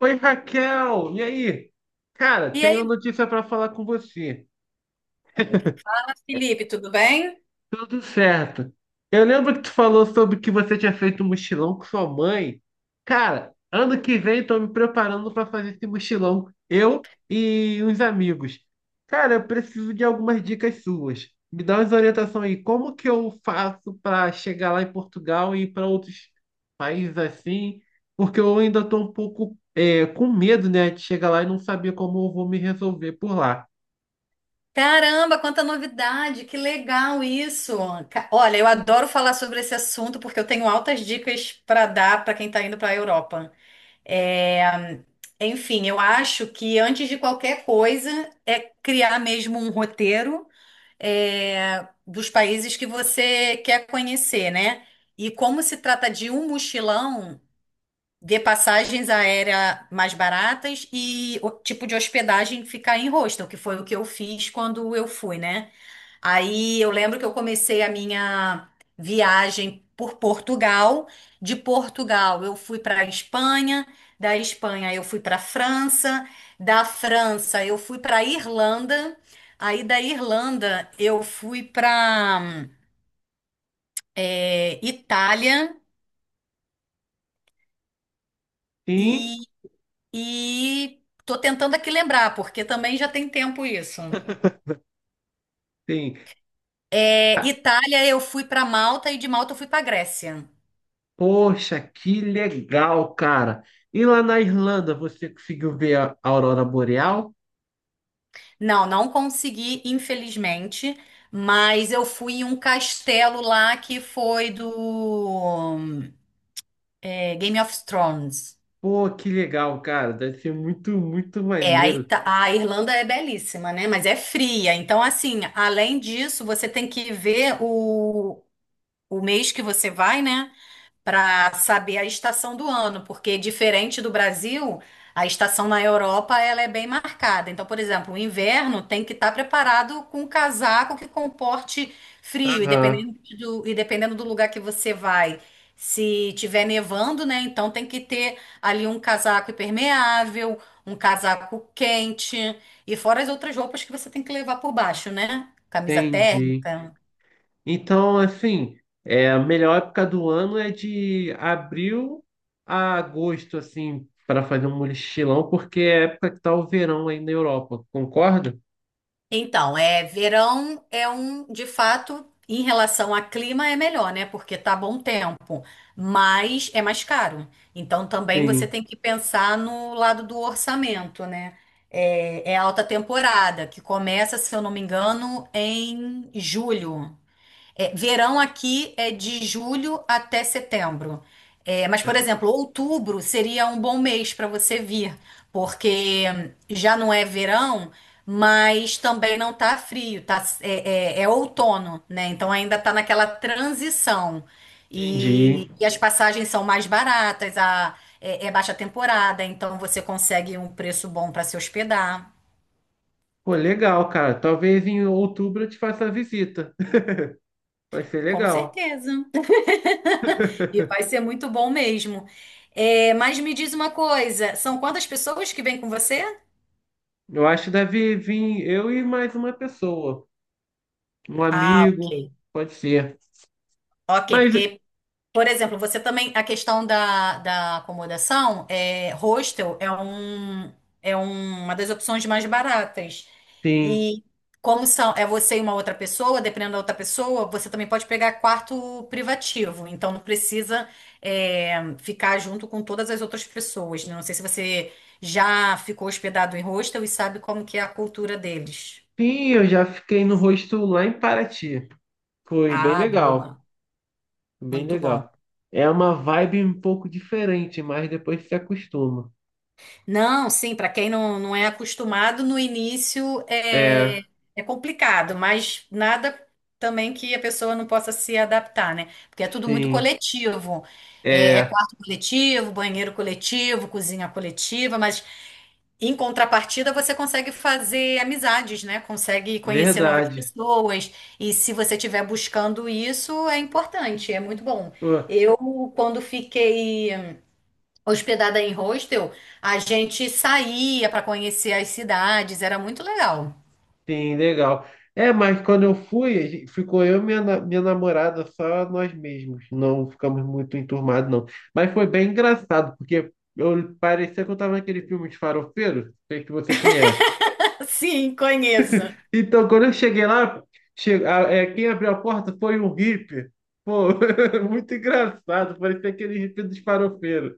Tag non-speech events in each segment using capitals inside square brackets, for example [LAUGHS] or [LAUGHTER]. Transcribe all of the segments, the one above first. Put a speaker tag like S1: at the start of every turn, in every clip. S1: Oi, Raquel, e aí? Cara,
S2: E
S1: tenho
S2: aí,
S1: notícia para falar com você.
S2: fala, Felipe, tudo bem?
S1: Tudo certo. Eu lembro que tu falou sobre que você tinha feito um mochilão com sua mãe. Cara, ano que vem tô me preparando para fazer esse mochilão, eu e uns amigos. Cara, eu preciso de algumas dicas suas. Me dá umas orientações aí. Como que eu faço para chegar lá em Portugal e ir para outros países assim? Porque eu ainda tô um pouco com medo, né, de chegar lá e não saber como eu vou me resolver por lá.
S2: Caramba, quanta novidade, que legal isso. Olha, eu adoro falar sobre esse assunto porque eu tenho altas dicas para dar para quem está indo para a Europa. É, Enfim, eu acho que antes de qualquer coisa é criar mesmo um roteiro dos países que você quer conhecer, né? E como se trata de um mochilão, ver passagens aéreas mais baratas e o tipo de hospedagem ficar em hostel, que foi o que eu fiz quando eu fui, né? Aí eu lembro que eu comecei a minha viagem por Portugal. De Portugal eu fui para a Espanha, da Espanha eu fui para a França, da França eu fui para a Irlanda, aí da Irlanda eu fui para Itália.
S1: Sim,
S2: E tô tentando aqui lembrar, porque também já tem tempo isso.
S1: sim.
S2: Itália, eu fui para Malta e de Malta eu fui para Grécia.
S1: Poxa, que legal, cara. E lá na Irlanda, você conseguiu ver a aurora boreal?
S2: Não, não consegui, infelizmente, mas eu fui em um castelo lá que foi do Game of Thrones.
S1: Pô, que legal, cara. Deve ser muito, muito maneiro.
S2: A Irlanda é belíssima, né? Mas é fria. Então, assim, além disso, você tem que ver o mês que você vai, né? Para saber a estação do ano, porque diferente do Brasil, a estação na Europa ela é bem marcada. Então, por exemplo, o inverno tem que estar preparado com um casaco que comporte frio, e
S1: Aham,
S2: e dependendo do lugar que você vai. Se tiver nevando, né? Então tem que ter ali um casaco impermeável, um casaco quente, e fora as outras roupas que você tem que levar por baixo, né? Camisa
S1: entendi.
S2: térmica.
S1: Então, assim, a melhor época do ano é de abril a agosto, assim, para fazer um mochilão, porque é a época que tá o verão aí na Europa. Concorda?
S2: Então, verão é um, de fato, em relação a clima é melhor, né? Porque tá bom tempo, mas é mais caro. Então, também você
S1: Sim,
S2: tem que pensar no lado do orçamento, né? É a alta temporada, que começa, se eu não me engano, em julho. É, verão aqui é de julho até setembro. É, mas, por exemplo, outubro seria um bom mês para você vir, porque já não é verão, mas também não tá frio, tá, é outono, né? Então ainda tá naquela transição.
S1: entendi.
S2: E as passagens são mais baratas, é baixa temporada, então você consegue um preço bom para se hospedar.
S1: Pô, legal, cara. Talvez em outubro eu te faça a visita. Vai ser
S2: Com
S1: legal.
S2: certeza. [LAUGHS] E vai ser muito bom mesmo. É, mas me diz uma coisa, são quantas pessoas que vêm com você?
S1: Eu acho que deve vir eu e mais uma pessoa. Um
S2: Ah,
S1: amigo,
S2: ok.
S1: pode ser.
S2: Ok,
S1: Mas
S2: porque, por exemplo, você também, a questão da acomodação, é, hostel é um, uma das opções mais baratas.
S1: sim.
S2: E como são, é você e uma outra pessoa, dependendo da outra pessoa, você também pode pegar quarto privativo. Então não precisa ficar junto com todas as outras pessoas, né? Não sei se você já ficou hospedado em hostel e sabe como que é a cultura deles.
S1: Sim, eu já fiquei no rosto lá em Paraty. Foi bem
S2: Ah,
S1: legal.
S2: boa.
S1: Bem
S2: Muito bom.
S1: legal. É uma vibe um pouco diferente, mas depois se acostuma.
S2: Não, sim, para quem não é acostumado, no início
S1: É,
S2: é complicado, mas nada também que a pessoa não possa se adaptar, né? Porque é tudo muito
S1: sim,
S2: coletivo. É, é
S1: é
S2: quarto coletivo, banheiro coletivo, cozinha coletiva, mas em contrapartida você consegue fazer amizades, né? Consegue conhecer novas
S1: verdade.
S2: pessoas. E se você estiver buscando isso, é importante, é muito bom.
S1: Pô,
S2: Eu, quando fiquei hospedada em hostel, a gente saía para conhecer as cidades, era muito legal.
S1: sim, legal. É, mas quando eu fui, ficou eu e minha namorada, só nós mesmos. Não ficamos muito enturmados, não. Mas foi bem engraçado, porque eu parecia que eu tava naquele filme de farofeiro, sei que você conhece.
S2: [LAUGHS] Sim, conheço.
S1: Então, quando eu cheguei lá, quem abriu a porta foi um hippie. Pô, [LAUGHS] muito engraçado, parecia aquele hippie dos farofeiros.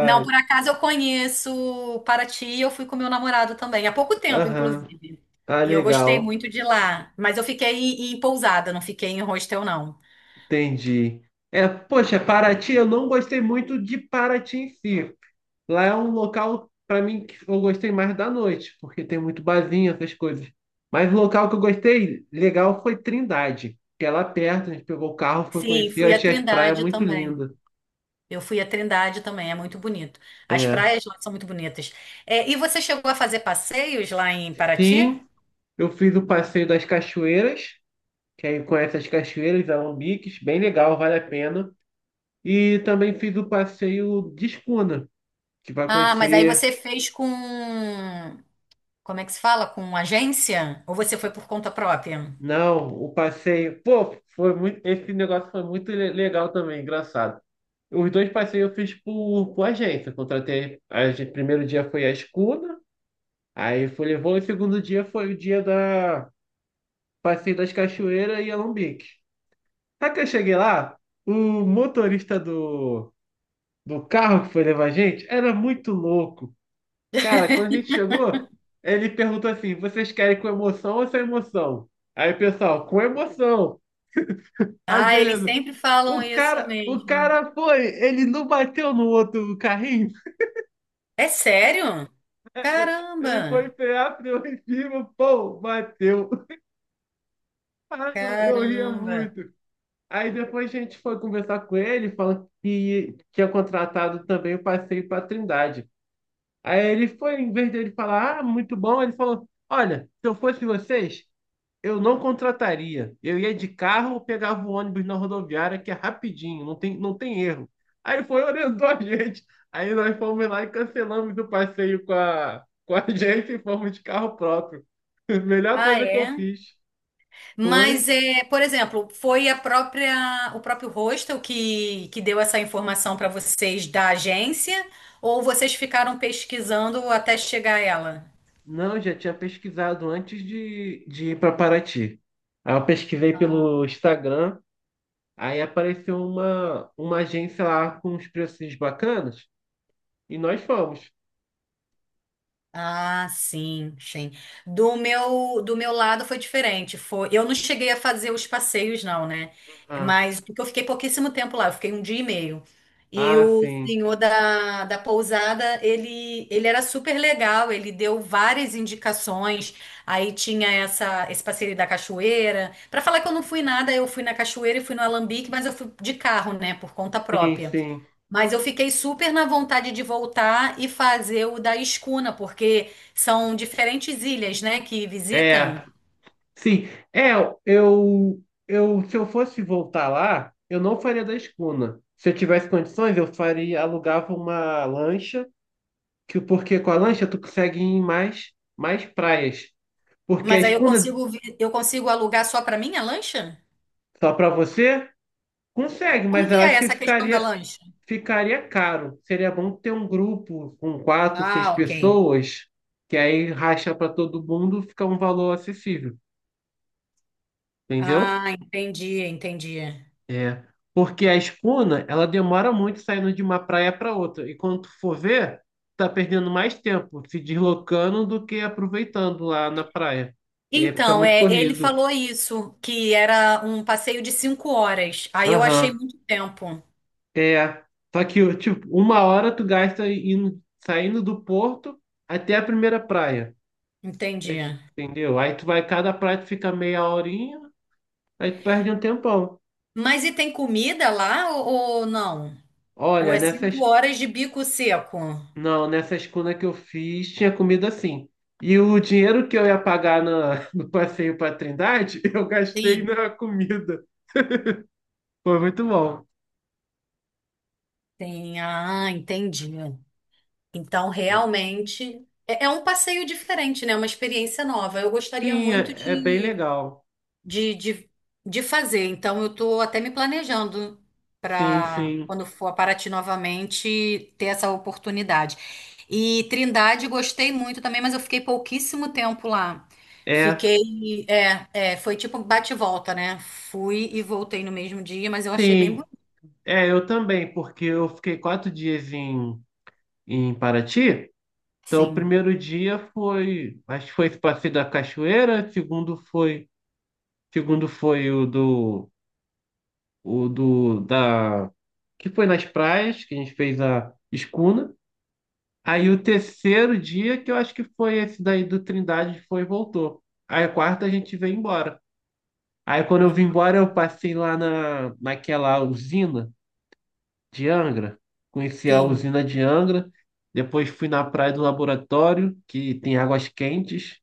S2: Não, por acaso eu conheço Paraty, eu fui com meu namorado também, há pouco tempo,
S1: aham.
S2: inclusive.
S1: Ah,
S2: E eu gostei
S1: legal.
S2: muito de lá, mas eu fiquei em pousada, não fiquei em hostel, não.
S1: Entendi. É, poxa, Paraty, eu não gostei muito de Paraty em si. Lá é um local, para mim, que eu gostei mais da noite, porque tem muito barzinho, essas coisas. Mas o local que eu gostei legal foi Trindade, que é lá perto, a gente pegou o carro, foi
S2: Sim,
S1: conhecer, eu
S2: fui a
S1: achei as praias
S2: Trindade
S1: muito
S2: também.
S1: lindas.
S2: Eu fui a Trindade também, é muito bonito. As
S1: É.
S2: praias lá são muito bonitas. É, e você chegou a fazer passeios lá em Paraty?
S1: Sim, eu fiz o passeio das cachoeiras, que aí conhece as cachoeiras, alambiques, bem legal, vale a pena. E também fiz o passeio de escuna, que vai
S2: Ah, mas aí
S1: conhecer.
S2: você fez com. Como é que se fala? Com agência? Ou você foi por conta própria?
S1: Não, o passeio. Pô, foi muito. Esse negócio foi muito legal também, engraçado. Os dois passeios eu fiz por agência. Contratei. A gente, primeiro dia foi a escuna, aí foi levou, e o segundo dia foi o dia da passeio das cachoeiras e Alambique. Sabe que eu cheguei lá? O motorista do carro que foi levar a gente era muito louco. Cara, quando a gente chegou, ele perguntou assim: vocês querem com emoção ou sem emoção? Aí, pessoal, com emoção. Aí,
S2: Ah, eles
S1: beleza.
S2: sempre falam isso
S1: O
S2: mesmo.
S1: cara foi, ele não bateu no outro carrinho.
S2: É sério?
S1: Ele foi
S2: Caramba!
S1: frear, freou em cima, pô, bateu. Ai, eu ria
S2: Caramba!
S1: muito. Aí depois a gente foi conversar com ele, falando que tinha contratado também o passeio para Trindade. Aí ele foi, em vez dele falar, ah, muito bom, ele falou: Olha, se eu fosse vocês, eu não contrataria. Eu ia de carro ou pegava o ônibus na rodoviária, que é rapidinho, não tem erro. Aí foi orientou a gente. Aí nós fomos lá e cancelamos o passeio com a [LAUGHS] gente e fomos de carro próprio. [LAUGHS] Melhor
S2: Ah,
S1: coisa que eu
S2: é?
S1: fiz foi.
S2: Mas, é, por exemplo, foi a própria, o próprio hostel que deu essa informação para vocês da agência? Ou vocês ficaram pesquisando até chegar a ela?
S1: Não, já tinha pesquisado antes de ir para Paraty. Aí eu pesquisei pelo Instagram, aí apareceu uma agência lá com uns preços bacanas e nós fomos.
S2: Ah, sim, sim. Do meu lado foi diferente. Foi, eu não cheguei a fazer os passeios, não, né?
S1: Ah,
S2: Mas porque eu fiquei pouquíssimo tempo lá, eu fiquei um dia e meio. E
S1: ah,
S2: o
S1: sim.
S2: senhor da pousada, ele era super legal, ele deu várias indicações. Aí tinha esse passeio da cachoeira. Para falar que eu não fui nada, eu fui na cachoeira e fui no Alambique, mas eu fui de carro, né, por conta
S1: Sim,
S2: própria.
S1: sim.
S2: Mas eu fiquei super na vontade de voltar e fazer o da Escuna, porque são diferentes ilhas, né, que visita.
S1: É, sim. É, eu, se eu fosse voltar lá, eu não faria da escuna. Se eu tivesse condições, eu faria, alugava uma lancha, que porque com a lancha tu consegue ir em mais praias. Porque a
S2: Mas aí eu
S1: escuna
S2: consigo, eu consigo alugar só para mim a lancha?
S1: só para você consegue,
S2: Como
S1: mas
S2: que
S1: eu
S2: é
S1: acho que
S2: essa questão da
S1: ficaria,
S2: lancha?
S1: ficaria caro. Seria bom ter um grupo com quatro, seis
S2: Ah, ok.
S1: pessoas, que aí racha para todo mundo, fica um valor acessível, entendeu?
S2: Ah, entendi, entendi.
S1: É, porque a espuna, ela demora muito saindo de uma praia para outra. E quando tu for ver, tá perdendo mais tempo se deslocando do que aproveitando lá na praia. É, fica
S2: Então,
S1: muito
S2: é, ele
S1: corrido.
S2: falou isso, que era um passeio de 5 horas. Aí eu achei
S1: Aham.
S2: muito tempo.
S1: É. Só que, tipo, uma hora tu gasta indo, saindo do porto até a primeira praia.
S2: Entendi.
S1: Aí entendeu? Aí tu vai, cada praia tu fica meia horinha, aí tu perde um tempão.
S2: Mas e tem comida lá ou não? Ou
S1: Olha,
S2: é
S1: nessas
S2: 5 horas de bico seco?
S1: não, nessa escuna que eu fiz, tinha comida assim. E o dinheiro que eu ia pagar [LAUGHS] no passeio para Trindade, [LAUGHS] eu gastei
S2: Sim.
S1: na comida. Foi muito bom.
S2: Sim, ah, entendi. Então, realmente, é um passeio diferente, né? Uma experiência nova. Eu gostaria
S1: Sim,
S2: muito
S1: é, é bem legal.
S2: de, de, de fazer. Então, eu estou até me planejando
S1: Sim,
S2: para,
S1: sim.
S2: quando for a Paraty novamente, ter essa oportunidade. E Trindade, gostei muito também, mas eu fiquei pouquíssimo tempo lá.
S1: É,
S2: Fiquei, foi tipo bate e volta, né? Fui e voltei no mesmo dia, mas eu achei bem
S1: sim.
S2: bonito,
S1: É, eu também, porque eu fiquei quatro dias em Paraty. Então, o
S2: sim.
S1: primeiro dia foi, acho que foi esse passeio da cachoeira, segundo foi o do da que foi nas praias que a gente fez a escuna. Aí o terceiro dia que eu acho que foi esse daí do Trindade foi e voltou. Aí a quarta a gente veio embora. Aí quando eu vim
S2: Ah.
S1: embora eu passei lá na naquela usina de Angra, conheci a
S2: Sim.
S1: usina de Angra, depois fui na praia do laboratório que tem águas quentes.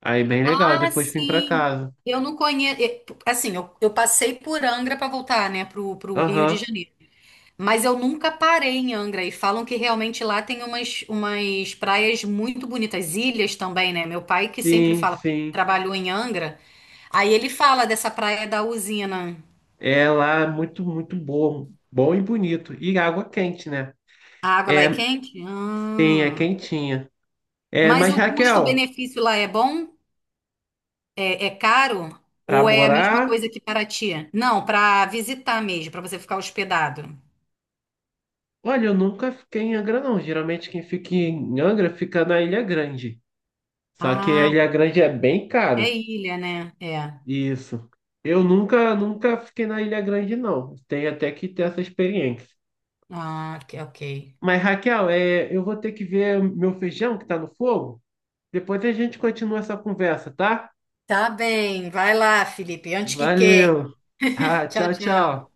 S1: Aí bem legal,
S2: Ah,
S1: depois vim para
S2: sim.
S1: casa.
S2: Eu não conheço. Assim, eu passei por Angra para voltar, né, pro Rio de
S1: Aham.
S2: Janeiro. Mas eu nunca parei em Angra. E falam que realmente lá tem umas, umas praias muito bonitas, ilhas também, né? Meu pai que sempre
S1: Sim,
S2: fala, porque ele
S1: sim.
S2: trabalhou em Angra. Aí ele fala dessa praia da usina.
S1: É lá muito, muito bom. Bom e bonito. E água quente, né?
S2: A água lá é
S1: É,
S2: quente?
S1: sim, é
S2: Ah.
S1: quentinha. É,
S2: Mas
S1: mas
S2: o
S1: Raquel,
S2: custo-benefício lá é bom? É, é caro?
S1: pra
S2: Ou é a mesma
S1: morar.
S2: coisa que Paraty? Não, para visitar mesmo, para você ficar hospedado.
S1: Olha, eu nunca fiquei em Angra, não. Geralmente quem fica em Angra fica na Ilha Grande. Só que a
S2: Ah.
S1: Ilha Grande é bem
S2: É
S1: caro.
S2: ilha, né? É.
S1: Isso. Eu nunca, nunca fiquei na Ilha Grande, não. Tenho até que ter essa experiência.
S2: Ah, ok, ok.
S1: Mas, Raquel, é, eu vou ter que ver meu feijão que tá no fogo. Depois a gente continua essa conversa, tá?
S2: Tá bem. Vai lá, Felipe. Antes que queime.
S1: Valeu.
S2: [LAUGHS]
S1: Tá,
S2: Tchau,
S1: tchau,
S2: tchau.
S1: tchau.